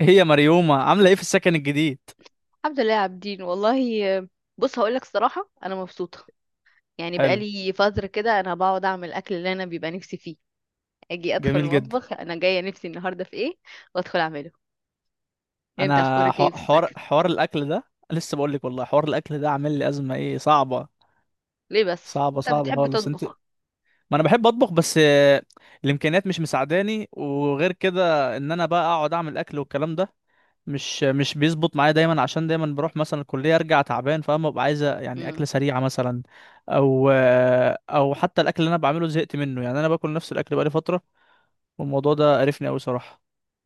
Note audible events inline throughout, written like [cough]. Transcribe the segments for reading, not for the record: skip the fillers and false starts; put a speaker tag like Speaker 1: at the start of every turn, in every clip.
Speaker 1: هي مريومة عاملة ايه في السكن الجديد؟
Speaker 2: الحمد لله يا عابدين والله. بص، هقول لك الصراحه انا مبسوطه. يعني
Speaker 1: حلو.
Speaker 2: بقالي فتره كده انا بقعد اعمل الاكل اللي انا بيبقى نفسي فيه. اجي ادخل
Speaker 1: جميل جدا.
Speaker 2: المطبخ انا جايه نفسي النهارده في ايه، وادخل اعمله. يعني انت
Speaker 1: انا
Speaker 2: اخبارك ايه في
Speaker 1: ح- حوار
Speaker 2: السكن؟
Speaker 1: حوار الاكل ده، لسه بقول لك والله، حوار الاكل ده عامل لي ازمة ايه صعبة،
Speaker 2: ليه بس؟
Speaker 1: صعبة
Speaker 2: انت
Speaker 1: صعبة
Speaker 2: بتحب
Speaker 1: خالص انت.
Speaker 2: تطبخ؟
Speaker 1: ما انا بحب اطبخ بس، الامكانيات مش مساعداني، وغير كده ان انا بقى اقعد اعمل اكل والكلام ده مش بيظبط معايا دايما، عشان دايما بروح مثلا الكلية ارجع تعبان، فاهم؟ ببقى عايزة يعني اكلة
Speaker 2: امم.
Speaker 1: سريعة مثلا. او او حتى الاكل اللي انا بعمله زهقت منه، يعني انا باكل نفس الاكل بقالي فترة، والموضوع ده قرفني قوي صراحة.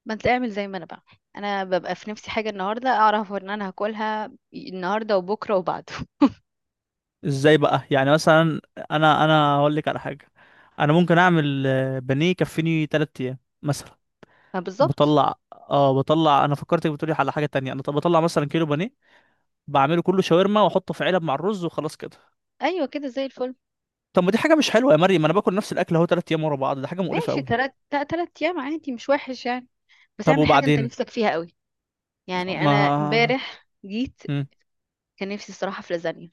Speaker 2: ما انت اعمل زي ما انا بعمل. انا ببقى في نفسي حاجه النهارده اعرف ان انا هاكلها النهارده وبكره وبعده.
Speaker 1: ازاي بقى يعني مثلا؟ انا هقول لك على حاجه. انا ممكن اعمل بانيه يكفيني 3 ايام مثلا.
Speaker 2: [laughs] ما بالظبط.
Speaker 1: بطلع انا، فكرتك بتقولي على حاجه تانية. انا طب بطلع مثلا كيلو بانيه، بعمله كله شاورما واحطه في علب مع الرز وخلاص كده.
Speaker 2: ايوه كده زي الفل.
Speaker 1: طب ما دي حاجه مش حلوه يا مريم، ما انا باكل نفس الاكل اهو 3 ايام ورا بعض، ده حاجه مقرفه
Speaker 2: ماشي،
Speaker 1: قوي.
Speaker 2: تلات تلات تلات ايام عادي مش وحش يعني. بس
Speaker 1: طب
Speaker 2: اعمل حاجه انت
Speaker 1: وبعدين؟
Speaker 2: نفسك فيها قوي. يعني
Speaker 1: ما
Speaker 2: انا امبارح جيت،
Speaker 1: مم.
Speaker 2: كان نفسي الصراحة في لازانيا.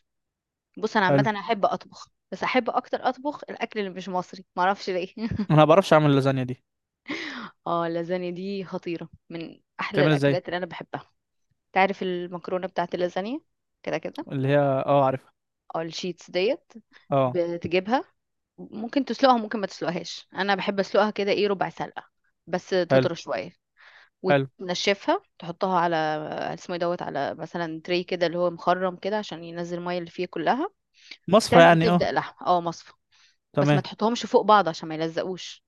Speaker 2: بص، انا عامة
Speaker 1: حلو.
Speaker 2: انا احب اطبخ، بس احب اكتر اطبخ الاكل اللي مش مصري، معرفش ليه. [laughs]
Speaker 1: انا ما بعرفش اعمل اللازانيا دي.
Speaker 2: اه، اللازانيا دي خطيرة، من احلى
Speaker 1: بتعمل ازاي؟
Speaker 2: الاكلات اللي انا بحبها. تعرف المكرونة بتاعت اللازانيا؟ كده كده.
Speaker 1: اللي هي، اه، عارفها.
Speaker 2: او الشيتس ديت.
Speaker 1: اه.
Speaker 2: بتجيبها، ممكن تسلقها ممكن ما تسلقهاش، انا بحب اسلقها كده ايه ربع سلقة، بس
Speaker 1: حلو.
Speaker 2: تطرى شوية.
Speaker 1: حلو.
Speaker 2: وتنشفها، تحطها على اسمه إيه دوت، على مثلا تري كده اللي هو مخرم كده عشان ينزل المية اللي فيه كلها.
Speaker 1: مصفى
Speaker 2: بتعمل
Speaker 1: يعني، اه.
Speaker 2: تبدأ لحمة. اه، مصفى. بس ما
Speaker 1: تمام.
Speaker 2: تحطهمش فوق بعض عشان ما يلزقوش.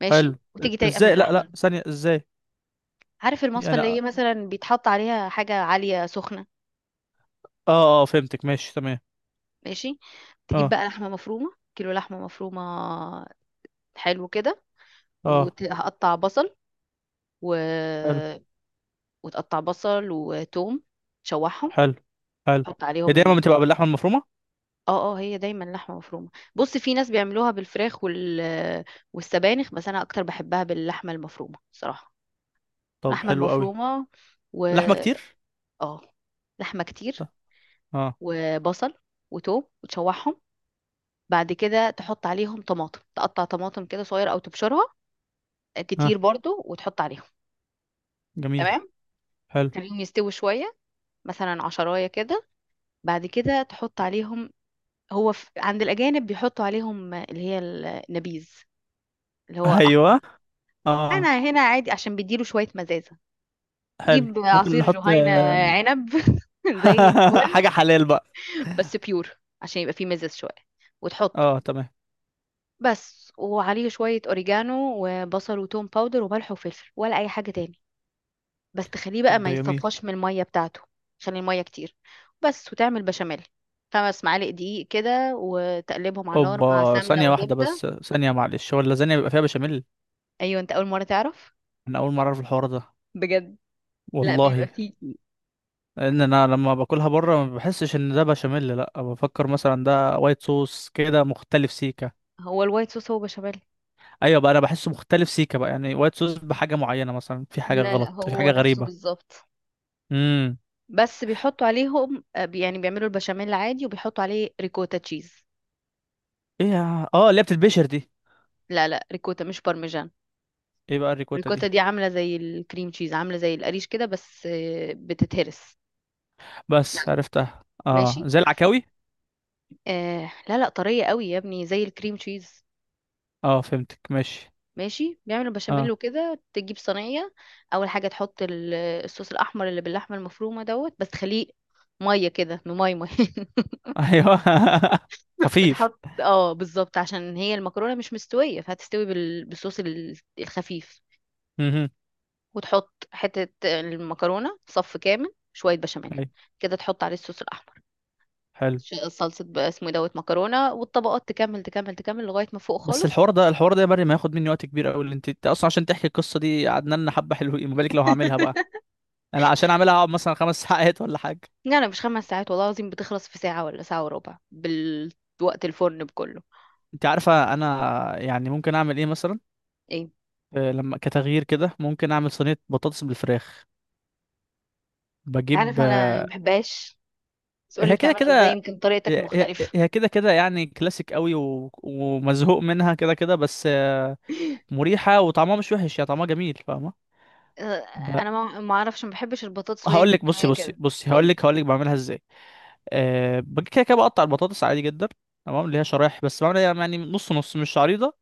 Speaker 2: ماشي.
Speaker 1: حلو.
Speaker 2: وتيجي تايقه من
Speaker 1: ازاي؟ لا لا،
Speaker 2: اللحمه.
Speaker 1: ثانية، ازاي؟
Speaker 2: عارف المصفى
Speaker 1: يعني،
Speaker 2: اللي هي
Speaker 1: اه.
Speaker 2: مثلا بيتحط عليها حاجه عاليه سخنه.
Speaker 1: اه، فهمتك ماشي تمام.
Speaker 2: ماشي. تجيب
Speaker 1: اه.
Speaker 2: بقى لحمه مفرومه، كيلو لحمه مفرومه. حلو كده.
Speaker 1: اه.
Speaker 2: وهقطع بصل و...
Speaker 1: حلو.
Speaker 2: وتقطع بصل وتوم، تشوحهم.
Speaker 1: حلو. حلو.
Speaker 2: تحط
Speaker 1: هي
Speaker 2: عليهم
Speaker 1: دايما بتبقى
Speaker 2: ال...
Speaker 1: باللحمه المفرومه؟
Speaker 2: اه اه، هي دايما لحمه مفرومه. بص، في ناس بيعملوها بالفراخ والسبانخ، بس انا اكتر بحبها باللحمه المفرومه صراحه.
Speaker 1: طب
Speaker 2: اللحمه
Speaker 1: حلو قوي.
Speaker 2: المفرومه و...
Speaker 1: لحمه كتير؟
Speaker 2: اه، لحمة كتير.
Speaker 1: طب. اه.
Speaker 2: وبصل وتوم، وتشوحهم. بعد كده تحط عليهم طماطم، تقطع طماطم كده صغير او تبشرها،
Speaker 1: اه.
Speaker 2: كتير برضو، وتحط عليهم.
Speaker 1: جميل.
Speaker 2: تمام.
Speaker 1: حلو.
Speaker 2: تخليهم
Speaker 1: [laughs]
Speaker 2: يستووا شوية، مثلا عشراية كده. بعد كده تحط عليهم، عند الأجانب بيحطوا عليهم اللي هي النبيذ، اللي هو أحمر.
Speaker 1: ايوه.
Speaker 2: أنا
Speaker 1: اه.
Speaker 2: هنا عادي عشان بيديله شوية مزازة.
Speaker 1: حلو،
Speaker 2: جيب
Speaker 1: ممكن
Speaker 2: عصير
Speaker 1: نحط،
Speaker 2: جهينة عنب. [laughs] زي
Speaker 1: [laughs]
Speaker 2: الفل.
Speaker 1: حاجه حلال بقى.
Speaker 2: بس بيور عشان يبقى فيه مزاز شوية، وتحطه.
Speaker 1: اه، تمام.
Speaker 2: بس، وعليه شوية أوريجانو وبصل وتوم باودر وملح وفلفل ولا أي حاجة تاني. بس تخليه بقى
Speaker 1: طب
Speaker 2: ما
Speaker 1: ده جميل.
Speaker 2: يصفاش من المية بتاعته، عشان المية كتير. بس، وتعمل بشاميل. 5 معالق دقيق كده وتقلبهم على النار مع
Speaker 1: اوبا.
Speaker 2: سمنة
Speaker 1: ثانيه واحده
Speaker 2: وزبدة.
Speaker 1: بس ثانيه، معلش، هو اللازانيا بيبقى فيها بشاميل؟
Speaker 2: أيوة، أنت أول مرة تعرف؟
Speaker 1: انا اول مره اعرف الحوار ده.
Speaker 2: بجد. لا،
Speaker 1: والله.
Speaker 2: بيبقى فيه.
Speaker 1: لان انا لما باكلها بره ما بحسش ان ده بشاميل، لا بفكر مثلا ده وايت صوص كده مختلف سيكا.
Speaker 2: هو الوايت صوص هو بشاميل.
Speaker 1: ايوه بقى، انا بحسه مختلف سيكا بقى، يعني وايت صوص بحاجه معينه، مثلا في حاجه
Speaker 2: لا لا،
Speaker 1: غلط، في
Speaker 2: هو
Speaker 1: حاجه
Speaker 2: نفسه
Speaker 1: غريبه.
Speaker 2: بالظبط.
Speaker 1: امم.
Speaker 2: بس بيحطوا عليهم يعني بيعملوا البشاميل عادي وبيحطوا عليه ريكوتا تشيز.
Speaker 1: ايه اللي هي بتتبشر دي؟
Speaker 2: لا لا، ريكوتا مش بارميجان.
Speaker 1: ايه بقى الريكوتا دي؟
Speaker 2: الريكوتا دي عاملة زي الكريم تشيز، عاملة زي القريش كده، بس بتتهرس.
Speaker 1: بس عرفتها، اه،
Speaker 2: ماشي.
Speaker 1: زي العكاوي.
Speaker 2: آه، لا لا، طرية قوي يا ابني، زي الكريم تشيز.
Speaker 1: اه، فهمتك ماشي.
Speaker 2: ماشي، بيعمل البشاميل
Speaker 1: اه.
Speaker 2: وكده تجيب صينية. أول حاجة تحط الصوص الأحمر اللي باللحمة المفرومة دوت، بس تخليه مية كده، انه مية مية. [laughs]
Speaker 1: ايوه. [laughs] خفيف.
Speaker 2: بتحط بالظبط عشان هي المكرونة مش مستوية فهتستوي بالصوص الخفيف.
Speaker 1: امم.
Speaker 2: وتحط حتة المكرونة، صف كامل، شوية بشاميل،
Speaker 1: ايوه.
Speaker 2: كده تحط عليه الصوص الأحمر.
Speaker 1: حلو.
Speaker 2: صلصة بقى اسمه إيه دوت، مكرونة، والطبقات تكمل تكمل تكمل لغاية ما فوق
Speaker 1: بس
Speaker 2: خالص.
Speaker 1: الحوار ده يا مريم هياخد مني وقت كبير قوي، اللي انت اصلا عشان تحكي القصه دي قعدنا لنا حبه حلوين، ما بالك لو هعملها بقى.
Speaker 2: [laughs]
Speaker 1: انا عشان اعملها اقعد مثلا 5 [laughs] ساعات ولا حاجه.
Speaker 2: يعني مش 5 ساعات، والله العظيم بتخلص في ساعة ولا ساعة وربع بالوقت الفرن بكله.
Speaker 1: انت عارفه انا يعني ممكن اعمل ايه مثلا؟
Speaker 2: ايه؟
Speaker 1: لما كتغيير كده ممكن اعمل صينيه بطاطس بالفراخ. بجيب،
Speaker 2: عارف انا ما بحبهاش. بس قولي
Speaker 1: هي كده
Speaker 2: بتعملها ازاي،
Speaker 1: كده.
Speaker 2: يمكن طريقتك
Speaker 1: هي هي-
Speaker 2: مختلفة.
Speaker 1: هي كده كده يعني كلاسيك قوي، و... ومزهوق منها كده كده، بس
Speaker 2: [laughs]
Speaker 1: مريحه، وطعمها مش وحش، يا طعمها جميل فاهمه.
Speaker 2: آه،
Speaker 1: ب...
Speaker 2: انا ما اعرفش ما بحبش البطاطس وهي
Speaker 1: هقول لك، بصي
Speaker 2: مستوية
Speaker 1: بصي
Speaker 2: كده.
Speaker 1: بصي، هقول
Speaker 2: قولي.
Speaker 1: لك هقول لك بعملها ازاي. أه، بجي كده كده بقطع البطاطس عادي جدا، تمام، اللي هي شرايح، بس بعملها يعني نص نص، مش عريضه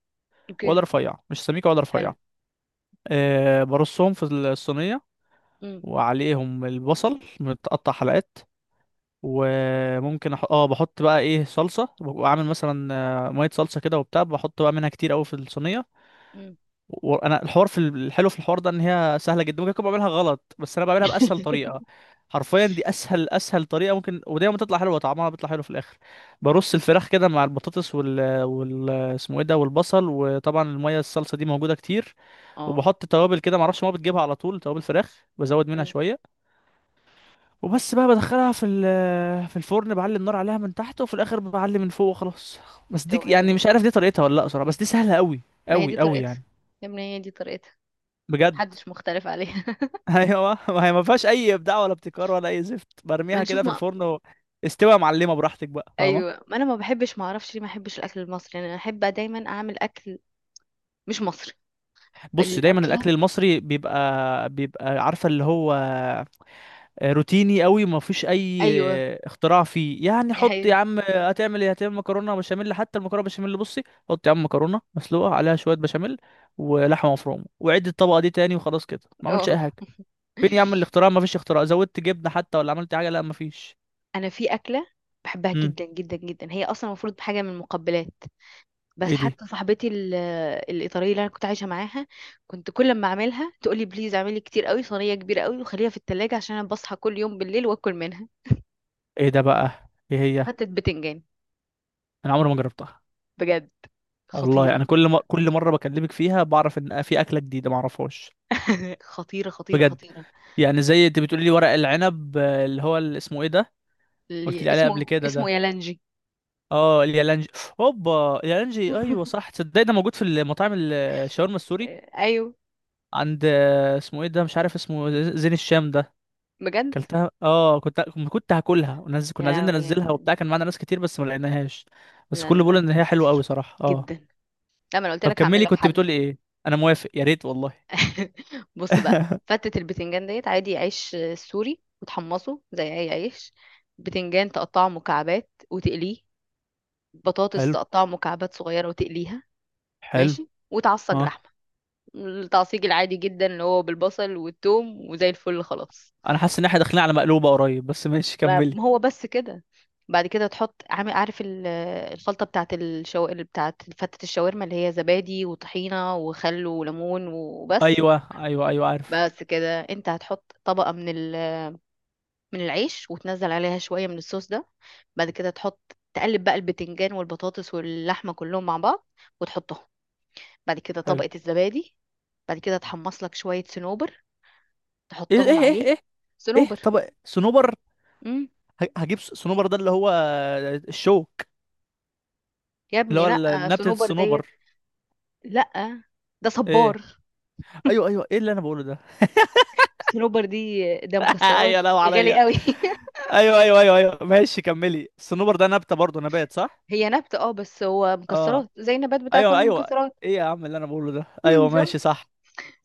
Speaker 2: اوكي.
Speaker 1: ولا رفيعه، مش سميكه ولا
Speaker 2: حلو.
Speaker 1: رفيعه. برصهم في الصينية،
Speaker 2: امم.
Speaker 1: وعليهم البصل متقطع حلقات، وممكن أح... اه بحط بقى ايه صلصة، واعمل مثلا مية صلصة كده وبتاع، بحط بقى منها كتير قوي في الصينية.
Speaker 2: امم.
Speaker 1: وانا الحوار في الحلو في الحوار ده ان هي سهلة جدا، ممكن اكون بعملها غلط، بس انا بعملها بأسهل
Speaker 2: [laughs]
Speaker 1: طريقة. حرفيا دي اسهل اسهل طريقة ممكن، ودايما بتطلع حلوة، طعمها بيطلع حلو في الاخر. برص الفراخ كده مع البطاطس اسمه ايه ده، والبصل، وطبعا المية الصلصة دي موجودة كتير،
Speaker 2: اه.
Speaker 1: وبحط توابل كده، معرفش، ما بتجيبها على طول توابل فراخ، بزود منها
Speaker 2: امم.
Speaker 1: شويه. وبس بقى بدخلها في ال- آه، في الفرن، بعلي النار عليها من تحت، وفي الاخر بعلي من فوق، وخلاص. بس دي
Speaker 2: شوقية
Speaker 1: يعني
Speaker 2: أهو.
Speaker 1: مش عارف دي طريقتها ولا لا، صراحه بس دي سهله قوي،
Speaker 2: ما هي دي
Speaker 1: قوي قوي
Speaker 2: طريقتها.
Speaker 1: يعني.
Speaker 2: يا ابني، هي دي طريقتها.
Speaker 1: بجد.
Speaker 2: محدش مختلف عليها.
Speaker 1: [laughs] ايوه، ما هي ما فيهاش اي ابداع ولا ابتكار ولا اي زفت،
Speaker 2: [laughs] ما
Speaker 1: برميها
Speaker 2: نشوف.
Speaker 1: كده في الفرن استوى يا معلمه براحتك بقى فاهمه.
Speaker 2: ايوه، ما انا ما بحبش، ما اعرفش ليه ما بحبش الاكل المصري، يعني انا احب دايما اعمل اكل مش مصري.
Speaker 1: بص، دايما الاكل
Speaker 2: أكلة.
Speaker 1: المصري بيبقى، عارفه اللي هو روتيني قوي، ما فيش اي
Speaker 2: ايوه.
Speaker 1: اختراع فيه. يعني
Speaker 2: يا
Speaker 1: حط يا
Speaker 2: حبيبي.
Speaker 1: عم، هتعمل ايه؟ هتعمل مكرونه بشاميل، حتى المكرونه بشاميل بصي. حط يا عم مكرونه مسلوقه عليها شويه بشاميل، ولحمه مفرومه، وعد الطبقه دي تاني وخلاص كده، ما عملش
Speaker 2: اه.
Speaker 1: اي حاجه. فين يا عم الاختراع؟ ما فيش اختراع، زودت جبنه حتى ولا عملت حاجه؟ لا ما فيش.
Speaker 2: انا في اكله بحبها
Speaker 1: امم.
Speaker 2: جدا جدا جدا، هي اصلا المفروض حاجه من المقبلات. بس
Speaker 1: ايه دي؟
Speaker 2: حتى صاحبتي الايطاليه اللي انا كنت عايشه معاها، كنت كل ما اعملها تقول لي بليز اعملي كتير قوي، صينيه كبيره قوي، وخليها في التلاجة عشان انا بصحى كل يوم بالليل واكل منها.
Speaker 1: ايه ده بقى؟ ايه هي؟
Speaker 2: فتت بتنجان.
Speaker 1: انا عمري ما جربتها.
Speaker 2: بجد.
Speaker 1: والله
Speaker 2: خطيره.
Speaker 1: انا كل ما كل مره بكلمك فيها بعرف ان في اكله جديده ما اعرفهاش.
Speaker 2: [laughs] خطيره خطيره
Speaker 1: بجد.
Speaker 2: خطيره.
Speaker 1: يعني زي انت بتقولي لي ورق العنب، اللي اسمه ايه ده؟ قلت
Speaker 2: اللي
Speaker 1: لي عليه قبل
Speaker 2: اسمه
Speaker 1: كده
Speaker 2: اسمه
Speaker 1: ده.
Speaker 2: يالانجي.
Speaker 1: اه، اليالانجي. اوبا، اليالانجي، ايوه
Speaker 2: [laughs]
Speaker 1: صح. تصدق ده موجود في المطاعم الشاورما السوري؟
Speaker 2: ايوه.
Speaker 1: عند، اسمه ايه ده، مش عارف اسمه زين الشام ده.
Speaker 2: بجد.
Speaker 1: اكلتها، اه، كنت، كنت هاكلها،
Speaker 2: يا
Speaker 1: كنا عايزين
Speaker 2: لهوي
Speaker 1: ننزلها
Speaker 2: يعني.
Speaker 1: وبتاع، كان معانا ناس كتير بس ما لقيناهاش. بس
Speaker 2: لا
Speaker 1: كله
Speaker 2: لا لا،
Speaker 1: بيقول ان
Speaker 2: كان
Speaker 1: هي حلوه قوي
Speaker 2: خطير
Speaker 1: صراحه، اه.
Speaker 2: جدا. لا، ما انا قلت
Speaker 1: طب
Speaker 2: لك هعمل
Speaker 1: كملي،
Speaker 2: لك
Speaker 1: كنت
Speaker 2: حل.
Speaker 1: بتقولي ايه؟ انا موافق، يا ريت والله.
Speaker 2: [laughs] بص بقى،
Speaker 1: [laughs]
Speaker 2: فتة البتنجان ديت عادي. عيش سوري وتحمصه زي اي عيش. بتنجان تقطعه مكعبات وتقليه. بطاطس
Speaker 1: حلو،
Speaker 2: تقطعه مكعبات صغيرة وتقليها.
Speaker 1: حلو،
Speaker 2: ماشي. وتعصج
Speaker 1: اه.
Speaker 2: لحمة، التعصيج العادي جدا اللي هو بالبصل والثوم، وزي الفل خلاص.
Speaker 1: انا حاسس ان احنا داخلين على مقلوبه قريب، بس ماشي
Speaker 2: ما
Speaker 1: كملي.
Speaker 2: ما هو بس كده. بعد كده تحط، عامل عارف الخلطة بتاعت بتاعت فتة الشاورما، اللي هي زبادي وطحينة وخل وليمون، وبس.
Speaker 1: ايوه ايوه ايوه، عارف.
Speaker 2: بس كده انت هتحط طبقة من من العيش، وتنزل عليها شوية من الصوص ده. بعد كده تحط، تقلب بقى البتنجان والبطاطس واللحمة كلهم مع بعض، وتحطهم. بعد كده
Speaker 1: حلو.
Speaker 2: طبقة الزبادي. بعد كده تحمص لك شوية صنوبر،
Speaker 1: ايه،
Speaker 2: تحطهم
Speaker 1: ايه، ايه،
Speaker 2: عليه.
Speaker 1: ايه، إيه؟
Speaker 2: صنوبر.
Speaker 1: طب، صنوبر؟
Speaker 2: امم.
Speaker 1: هجيب صنوبر ده اللي هو الشوك،
Speaker 2: يا
Speaker 1: اللي
Speaker 2: ابني
Speaker 1: هو
Speaker 2: لا،
Speaker 1: نبتة
Speaker 2: صنوبر
Speaker 1: الصنوبر.
Speaker 2: ديت. لا. ده
Speaker 1: ايه.
Speaker 2: صبار.
Speaker 1: ايوه، ايوه، ايه اللي انا بقوله ده.
Speaker 2: صنوبر دي ده
Speaker 1: [laughs]
Speaker 2: مكسرات
Speaker 1: يا لو
Speaker 2: غالي
Speaker 1: عليا.
Speaker 2: قوي. [laughs]
Speaker 1: ايوه ايوه ايوه ايوه، ماشي كملي. الصنوبر ده نبتة برضه، نبات، صح؟
Speaker 2: هي نبتة اه، بس هو
Speaker 1: اه.
Speaker 2: مكسرات زي النبات بتاع
Speaker 1: ايوه،
Speaker 2: كل
Speaker 1: ايوه.
Speaker 2: المكسرات.
Speaker 1: ايه يا عم اللي انا بقوله ده،
Speaker 2: مم،
Speaker 1: ايوه
Speaker 2: شفت.
Speaker 1: ماشي صح.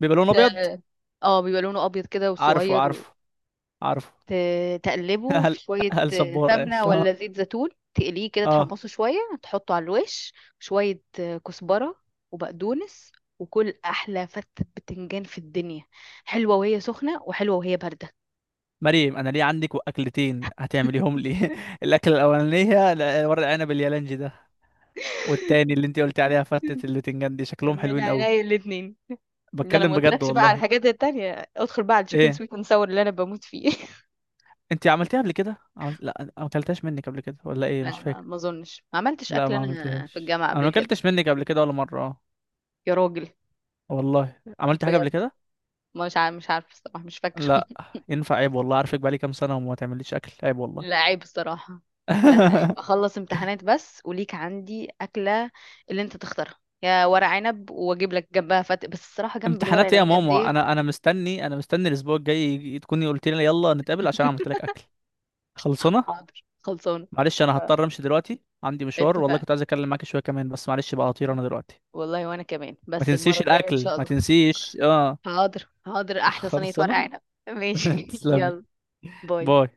Speaker 1: بيبقى لونه ابيض.
Speaker 2: اه. بيبقى لونه ابيض كده
Speaker 1: عارفه،
Speaker 2: وصغير.
Speaker 1: عارفه. عارفه. [laughs]
Speaker 2: تقلبه في
Speaker 1: هل
Speaker 2: شوية
Speaker 1: هل صبار؟ قال
Speaker 2: سمنة
Speaker 1: اه.
Speaker 2: ولا زيت زيتون، تقليه كده
Speaker 1: آه.
Speaker 2: تحمصه شوية. تحطه على الوش، شوية كزبرة وبقدونس، وكل أحلى فتة بتنجان في الدنيا. حلوة وهي سخنة وحلوة وهي باردة.
Speaker 1: مريم انا ليه عندك اكلتين هتعمليهم لي؟ [laughs] الاكله الاولانيه ورق عنب اليالنجي ده، والتاني اللي انت قلتي عليها فتة
Speaker 2: [laughs]
Speaker 1: البتنجان دي، شكلهم
Speaker 2: من
Speaker 1: حلوين قوي.
Speaker 2: عينيا الاتنين. ده انا ما
Speaker 1: بتكلم بجد
Speaker 2: قلتلكش بقى على
Speaker 1: والله.
Speaker 2: الحاجات التانية، ادخل بقى على التشيكن
Speaker 1: ايه؟
Speaker 2: سويت اند ساور اللي انا بموت فيه. [laughs]
Speaker 1: انت عملتيها قبل كده، لا، ما اكلتهاش منك قبل كده ولا ايه، مش
Speaker 2: لا، ما
Speaker 1: فاكر.
Speaker 2: ما اظنش ما عملتش
Speaker 1: لا،
Speaker 2: اكل
Speaker 1: ما
Speaker 2: انا في
Speaker 1: عملتهاش،
Speaker 2: الجامعة
Speaker 1: انا
Speaker 2: قبل
Speaker 1: ما
Speaker 2: كده.
Speaker 1: اكلتش منك قبل كده ولا مره، اه.
Speaker 2: يا راجل.
Speaker 1: والله عملت حاجه قبل
Speaker 2: بجد.
Speaker 1: كده.
Speaker 2: مش عارفه الصراحة، مش فاكرة.
Speaker 1: لا.
Speaker 2: [laughs]
Speaker 1: ينفع؟ عيب والله، عارفك بقالي كام سنه وما تعمليش اكل، عيب والله.
Speaker 2: لا، عيب الصراحة. لا لا، عيب.
Speaker 1: [laughs]
Speaker 2: اخلص امتحانات بس وليك عندي اكلة اللي انت تختارها، يا ورق عنب واجيب لك جنبها بس الصراحة جنب الورق
Speaker 1: امتحانات ايه يا
Speaker 2: العنب
Speaker 1: ماما؟
Speaker 2: ديت.
Speaker 1: انا مستني الاسبوع الجاي، تكوني قلت لي يلا نتقابل عشان
Speaker 2: [laughs]
Speaker 1: عملت لك اكل. خلصنا.
Speaker 2: حاضر، خلصانة.
Speaker 1: معلش، انا
Speaker 2: ف-
Speaker 1: هضطر امشي دلوقتي، عندي مشوار والله،
Speaker 2: اتفقنا.
Speaker 1: كنت عايز اتكلم معاك شويه كمان بس معلش بقى، هطير انا دلوقتي.
Speaker 2: والله، وانا كمان،
Speaker 1: ما
Speaker 2: بس المرة
Speaker 1: تنسيش
Speaker 2: الجاية ان
Speaker 1: الاكل،
Speaker 2: شاء
Speaker 1: ما
Speaker 2: الله.
Speaker 1: تنسيش، اه.
Speaker 2: حاضر حاضر، احلى صينية ورق
Speaker 1: خلصنا.
Speaker 2: عنب.
Speaker 1: [laughs]
Speaker 2: ماشي. [laughs]
Speaker 1: تسلمي.
Speaker 2: يلا. باي.
Speaker 1: باي.